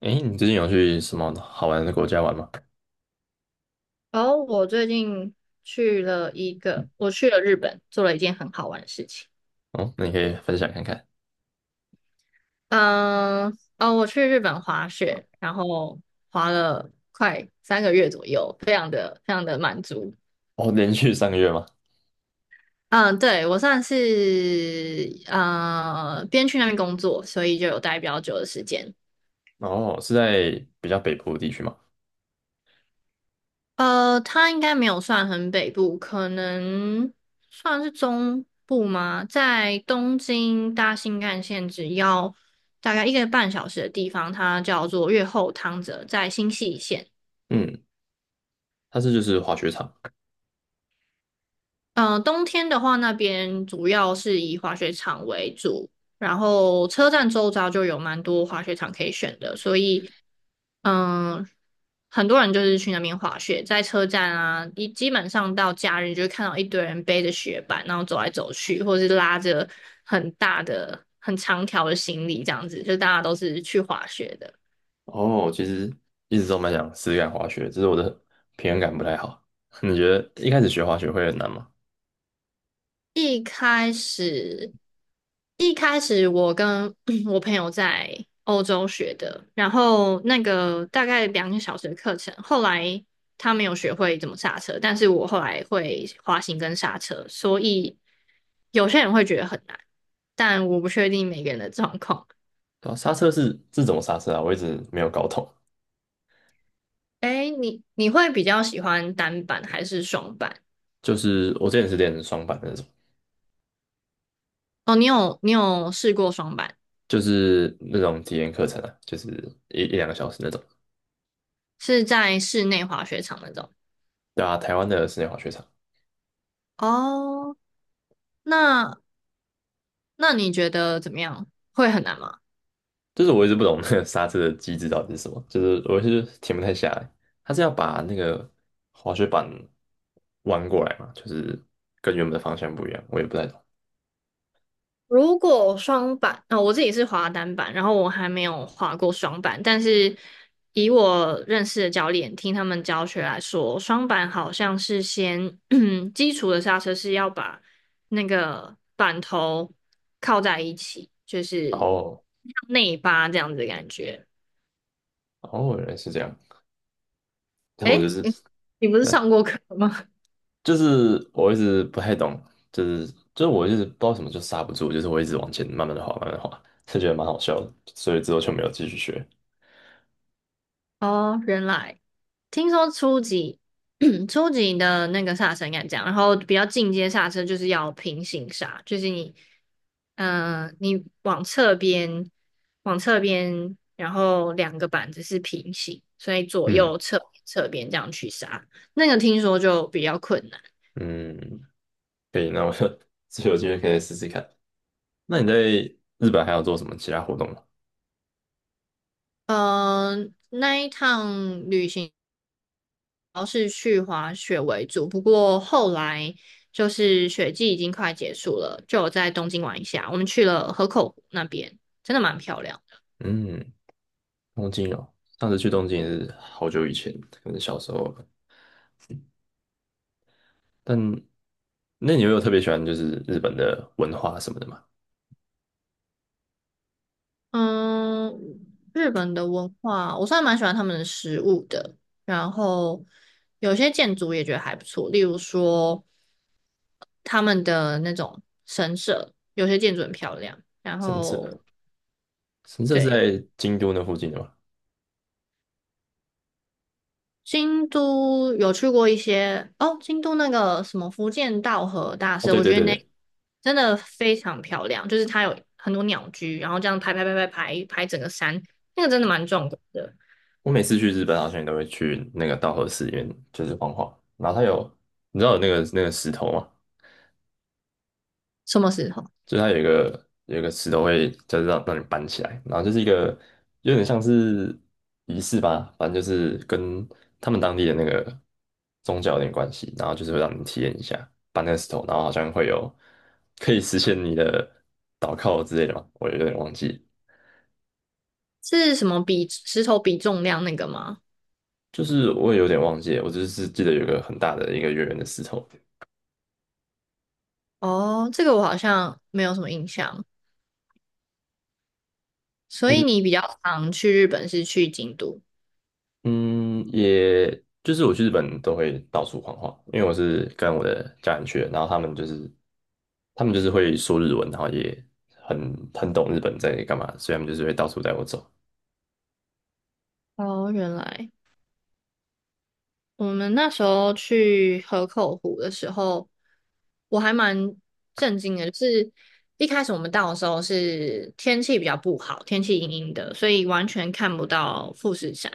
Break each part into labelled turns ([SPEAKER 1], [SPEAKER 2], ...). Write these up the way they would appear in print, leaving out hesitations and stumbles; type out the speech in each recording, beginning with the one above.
[SPEAKER 1] 诶，你最近有去什么好玩的国家玩吗？
[SPEAKER 2] 然后我最近去了一个，我去了日本，做了一件很好玩的事情。
[SPEAKER 1] 哦，那你可以分享看看。
[SPEAKER 2] 我去日本滑雪，然后滑了快3个月左右，非常的满足。
[SPEAKER 1] 哦，连续三个月吗？
[SPEAKER 2] 嗯，对，我算是边去那边工作，所以就有待比较久的时间。
[SPEAKER 1] 哦，是在比较北部的地区吗？
[SPEAKER 2] 它应该没有算很北部，可能算是中部吗？在东京搭新干线只要大概1个半小时的地方，它叫做越后汤泽，在新泻县。
[SPEAKER 1] 嗯，它是就是滑雪场。
[SPEAKER 2] 冬天的话，那边主要是以滑雪场为主，然后车站周遭就有蛮多滑雪场可以选的，所以嗯，很多人就是去那边滑雪，在车站啊，基本上到假日就会看到一堆人背着雪板，然后走来走去，或者是拉着很大的、很长条的行李这样子，就大家都是去滑雪的。
[SPEAKER 1] 哦，其实一直都蛮想试试看滑雪，只是我的平衡感不太好。你觉得一开始学滑雪会很难吗？
[SPEAKER 2] 一开始，一开始我跟 我朋友在欧洲学的，然后那个大概2个小时的课程，后来他没有学会怎么刹车，但是我后来会滑行跟刹车，所以有些人会觉得很难，但我不确定每个人的状况。
[SPEAKER 1] 对啊，刹车是怎么刹车啊？我一直没有搞懂。
[SPEAKER 2] 哎，你会比较喜欢单板还是双板？
[SPEAKER 1] 就是我之前是练双板的那种，
[SPEAKER 2] 哦，你有试过双板，
[SPEAKER 1] 就是那种体验课程啊，就是一两个小时那种。
[SPEAKER 2] 是在室内滑雪场那种。
[SPEAKER 1] 对啊，台湾的室内滑雪场。
[SPEAKER 2] 哦，那那你觉得怎么样？会很难吗？
[SPEAKER 1] 就是我一直不懂那个刹车的机制到底是什么，就是我是停不太下来。他是要把那个滑雪板弯过来嘛，就是跟原本的方向不一样，我也不太懂。
[SPEAKER 2] 如果双板，我自己是滑单板，然后我还没有滑过双板，但是以我认识的教练听他们教学来说，双板好像是先 基础的刹车是要把那个板头靠在一起，就是
[SPEAKER 1] 哦
[SPEAKER 2] 像内八这样子的感觉。
[SPEAKER 1] 哦，原来是这样。但我就
[SPEAKER 2] 诶，
[SPEAKER 1] 是，
[SPEAKER 2] 你不是
[SPEAKER 1] 对，
[SPEAKER 2] 上过课吗？
[SPEAKER 1] 就是我一直不太懂，就是就是我一直不知道什么就刹不住，就是我一直往前慢慢的滑，慢慢的滑，就觉得蛮好笑的，所以之后就没有继续学。
[SPEAKER 2] 哦，原来听说初级 初级的那个刹车应该这样，然后比较进阶刹车就是要平行刹，就是你，你往侧边，往侧边，然后两个板子是平行，所以左右
[SPEAKER 1] 嗯
[SPEAKER 2] 侧侧边这样去刹，那个听说就比较困难。
[SPEAKER 1] 嗯，可以，那我就 有机会可以试试看。那你在日本还有做什么其他活动吗？
[SPEAKER 2] 嗯、那一趟旅行。要是去滑雪为主，不过后来就是雪季已经快结束了，就有在东京玩一下。我们去了河口湖那边，真的蛮漂亮的。
[SPEAKER 1] 嗯。东京哦，上次去东京也是好久以前，可能小时候吧。但那你有没有特别喜欢就是日本的文化什么的吗？
[SPEAKER 2] 嗯，日本的文化，我算蛮喜欢他们的食物的，然后有些建筑也觉得还不错，例如说他们的那种神社，有些建筑很漂亮。然
[SPEAKER 1] 神社，
[SPEAKER 2] 后
[SPEAKER 1] 神社是
[SPEAKER 2] 对，
[SPEAKER 1] 在京都那附近的吗？
[SPEAKER 2] 京都有去过一些哦，京都那个什么福建道和大
[SPEAKER 1] 哦，
[SPEAKER 2] 社，
[SPEAKER 1] 对
[SPEAKER 2] 我
[SPEAKER 1] 对
[SPEAKER 2] 觉得
[SPEAKER 1] 对
[SPEAKER 2] 那
[SPEAKER 1] 对，
[SPEAKER 2] 真的非常漂亮，就是它有很多鸟居，然后这样排整个山，那个真的蛮壮观的。
[SPEAKER 1] 我每次去日本好像也都会去那个稻荷寺里面，就是晃晃。然后它有，你知道有那个石头吗？
[SPEAKER 2] 什么时候？
[SPEAKER 1] 就是它有一个石头会就是让你搬起来，然后就是一个有点像是仪式吧，反正就是跟他们当地的那个宗教有点关系，然后就是会让你体验一下搬那个石头，然后好像会有可以实现你的祷告之类的嘛，我有点忘记，
[SPEAKER 2] 是什么比石头比重量那个吗？
[SPEAKER 1] 就是我也有点忘记了我只是记得有一个很大的一个圆圆的石头，
[SPEAKER 2] 哦，这个我好像没有什么印象。所以你比较常去日本是去京都？
[SPEAKER 1] 嗯，也就是我去日本都会到处晃晃，因为我是跟我的家人去的，然后他们就是会说日文，然后也很懂日本在干嘛，所以他们就是会到处带我走。
[SPEAKER 2] 哦，原来。我们那时候去河口湖的时候，我还蛮震惊的，就是一开始我们到的时候是天气比较不好，天气阴阴的，所以完全看不到富士山。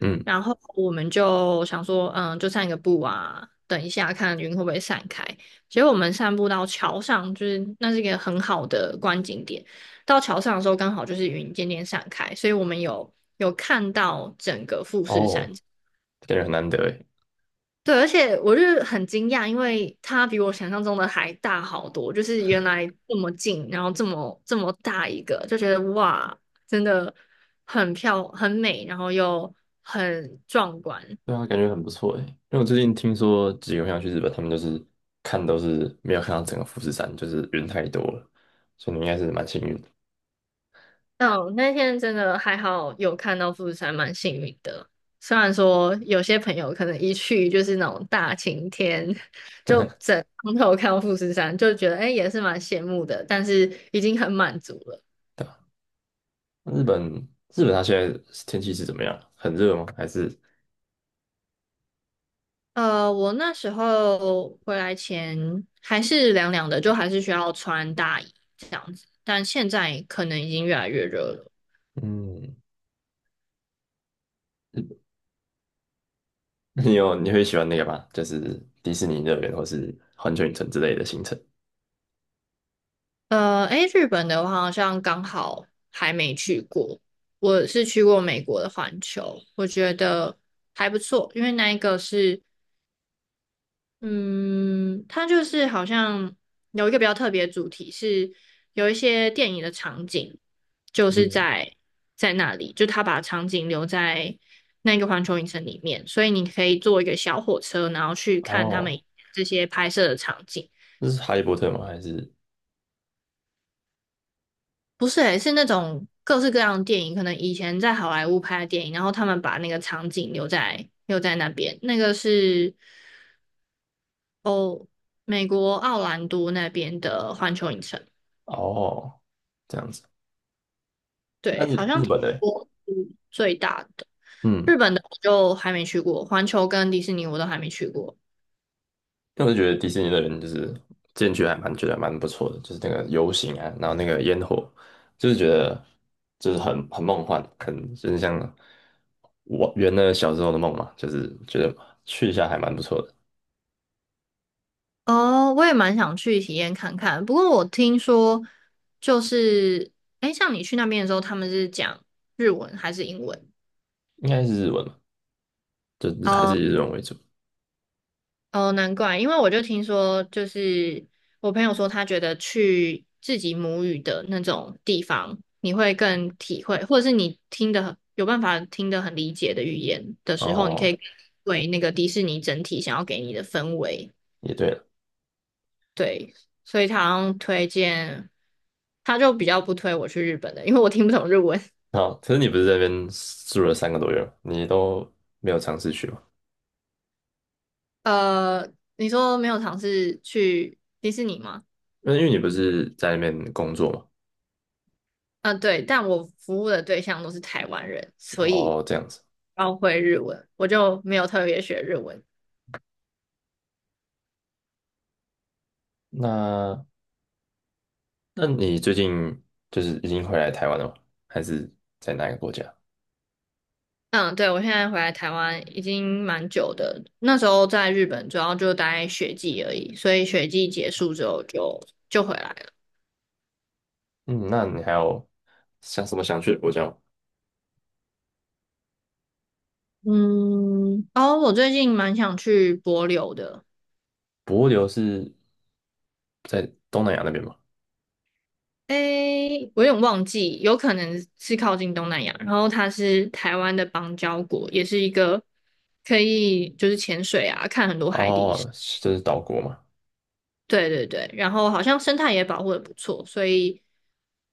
[SPEAKER 1] 嗯，
[SPEAKER 2] 然后我们就想说，嗯，就散个步啊，等一下看云会不会散开。结果我们散步到桥上，就是那是一个很好的观景点。到桥上的时候，刚好就是云渐渐散开，所以我们有看到整个富士山。
[SPEAKER 1] 哦，感觉很难得诶，
[SPEAKER 2] 对，而且我就是很惊讶，因为它比我想象中的还大好多，就是原来这么近，然后这么大一个，就觉得哇，真的很漂很美，然后又很壮观。
[SPEAKER 1] 对啊，感觉很不错诶，因为我最近听说几个朋友去日本，他们就是看都是没有看到整个富士山，就是人太多了，所以你应该是蛮幸运的。
[SPEAKER 2] 嗯，那天真的还好有看到富士山，蛮幸运的。虽然说有些朋友可能一去就是那种大晴天，就整从头看到富士山，就觉得诶也是蛮羡慕的，但是已经很满足了。
[SPEAKER 1] 那日本日本它现在天气是怎么样？很热吗？还是
[SPEAKER 2] 我那时候回来前还是凉凉的，就还是需要穿大衣这样子，但现在可能已经越来越热了。
[SPEAKER 1] 嗯？你有你会喜欢那个吗？就是迪士尼乐园或是环球影城之类的行程。
[SPEAKER 2] 日本的话好像刚好还没去过，我是去过美国的环球，我觉得还不错，因为那一个是嗯，它就是好像有一个比较特别的主题是有一些电影的场景，就是
[SPEAKER 1] 嗯，
[SPEAKER 2] 在那里，就他把场景留在那个环球影城里面，所以你可以坐一个小火车，然后去看他们
[SPEAKER 1] 哦，
[SPEAKER 2] 这些拍摄的场景。
[SPEAKER 1] 那是哈利波特吗？还是
[SPEAKER 2] 不是诶，是那种各式各样的电影，可能以前在好莱坞拍的电影，然后他们把那个场景留在那边，那个是哦，美国奥兰多那边的环球影城。
[SPEAKER 1] 哦这样子？那
[SPEAKER 2] 对，
[SPEAKER 1] 是
[SPEAKER 2] 好像
[SPEAKER 1] 日本的欸
[SPEAKER 2] 我是最大的。
[SPEAKER 1] 嗯，
[SPEAKER 2] 日本的我就还没去过，环球跟迪士尼我都还没去过。
[SPEAKER 1] 但我就觉得迪士尼乐园就是进去还蛮觉得蛮不错的，就是那个游行啊，然后那个烟火，就是觉得就是很梦幻，很就是像我圆了小时候的梦嘛，就是觉得去一下还蛮不错的。
[SPEAKER 2] 哦，我也蛮想去体验看看。不过我听说，就是，哎，像你去那边的时候，他们是讲日文还是英文？
[SPEAKER 1] 应该是日文吧，就还是以日文为主。
[SPEAKER 2] 哦，难怪，因为我就听说，就是我朋友说，他觉得去自己母语的那种地方，你会更体会，或者是你听的有办法听得很理解的语言的时候，你可
[SPEAKER 1] 哦，
[SPEAKER 2] 以为那个迪士尼整体想要给你的氛围。
[SPEAKER 1] 也对了。
[SPEAKER 2] 对，所以他好像推荐，他就比较不推我去日本的，因为我听不懂日文。
[SPEAKER 1] 好，可是你不是在那边住了三个多月吗你都没有尝试去吗？
[SPEAKER 2] 呃，你说没有尝试去迪士尼吗？
[SPEAKER 1] 那因为你不是在那边工作嘛。
[SPEAKER 2] 嗯、对，但我服务的对象都是台湾人，所以
[SPEAKER 1] 哦，这样子。
[SPEAKER 2] 包会日文，我就没有特别学日文。
[SPEAKER 1] 那那你最近就是已经回来台湾了吗？还是在哪个国家？
[SPEAKER 2] 嗯，对，我现在回来台湾已经蛮久的，那时候在日本主要就待学季而已，所以学季结束之后就回来了。
[SPEAKER 1] 嗯，那你还有想什么想去的国家吗？
[SPEAKER 2] 我最近蛮想去帛琉的，
[SPEAKER 1] 帛琉是在东南亚那边吗？
[SPEAKER 2] 诶，我有点忘记，有可能是靠近东南亚，然后它是台湾的邦交国，也是一个可以就是潜水啊，看很多海底。
[SPEAKER 1] 哦，就是岛国嘛。
[SPEAKER 2] 对对对，然后好像生态也保护的不错，所以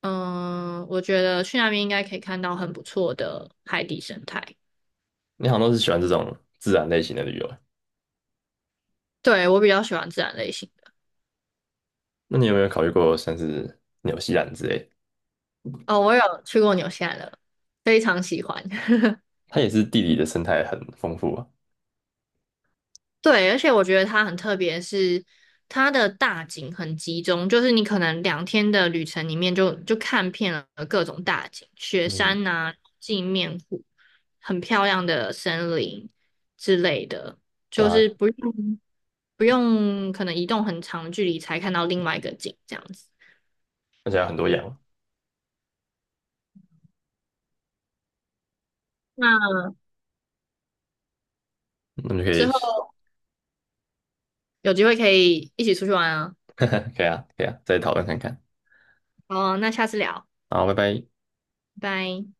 [SPEAKER 2] 嗯，我觉得去那边应该可以看到很不错的海底生态。
[SPEAKER 1] 你好像都是喜欢这种自然类型的旅游欸
[SPEAKER 2] 对，我比较喜欢自然类型的。
[SPEAKER 1] 那你有没有考虑过像是纽西兰之类的
[SPEAKER 2] 哦，我有去过纽西兰了，非常喜欢。
[SPEAKER 1] 它也是地理的生态很丰富啊。
[SPEAKER 2] 对，而且我觉得它很特别是，它的大景很集中，就是你可能2天的旅程里面就看遍了各种大景，雪
[SPEAKER 1] 嗯，
[SPEAKER 2] 山呐、镜面湖，很漂亮的森林之类的，
[SPEAKER 1] 对
[SPEAKER 2] 就
[SPEAKER 1] 啊，
[SPEAKER 2] 是不用可能移动很长的距离才看到另外一个景这样子。
[SPEAKER 1] 而且有很多羊，
[SPEAKER 2] 那
[SPEAKER 1] 那么就可
[SPEAKER 2] 之
[SPEAKER 1] 以，
[SPEAKER 2] 后有机会可以一起出去玩啊。
[SPEAKER 1] 可以啊，可以啊，再讨论看看。
[SPEAKER 2] 好，那下次聊，
[SPEAKER 1] 好，拜拜。
[SPEAKER 2] 拜拜。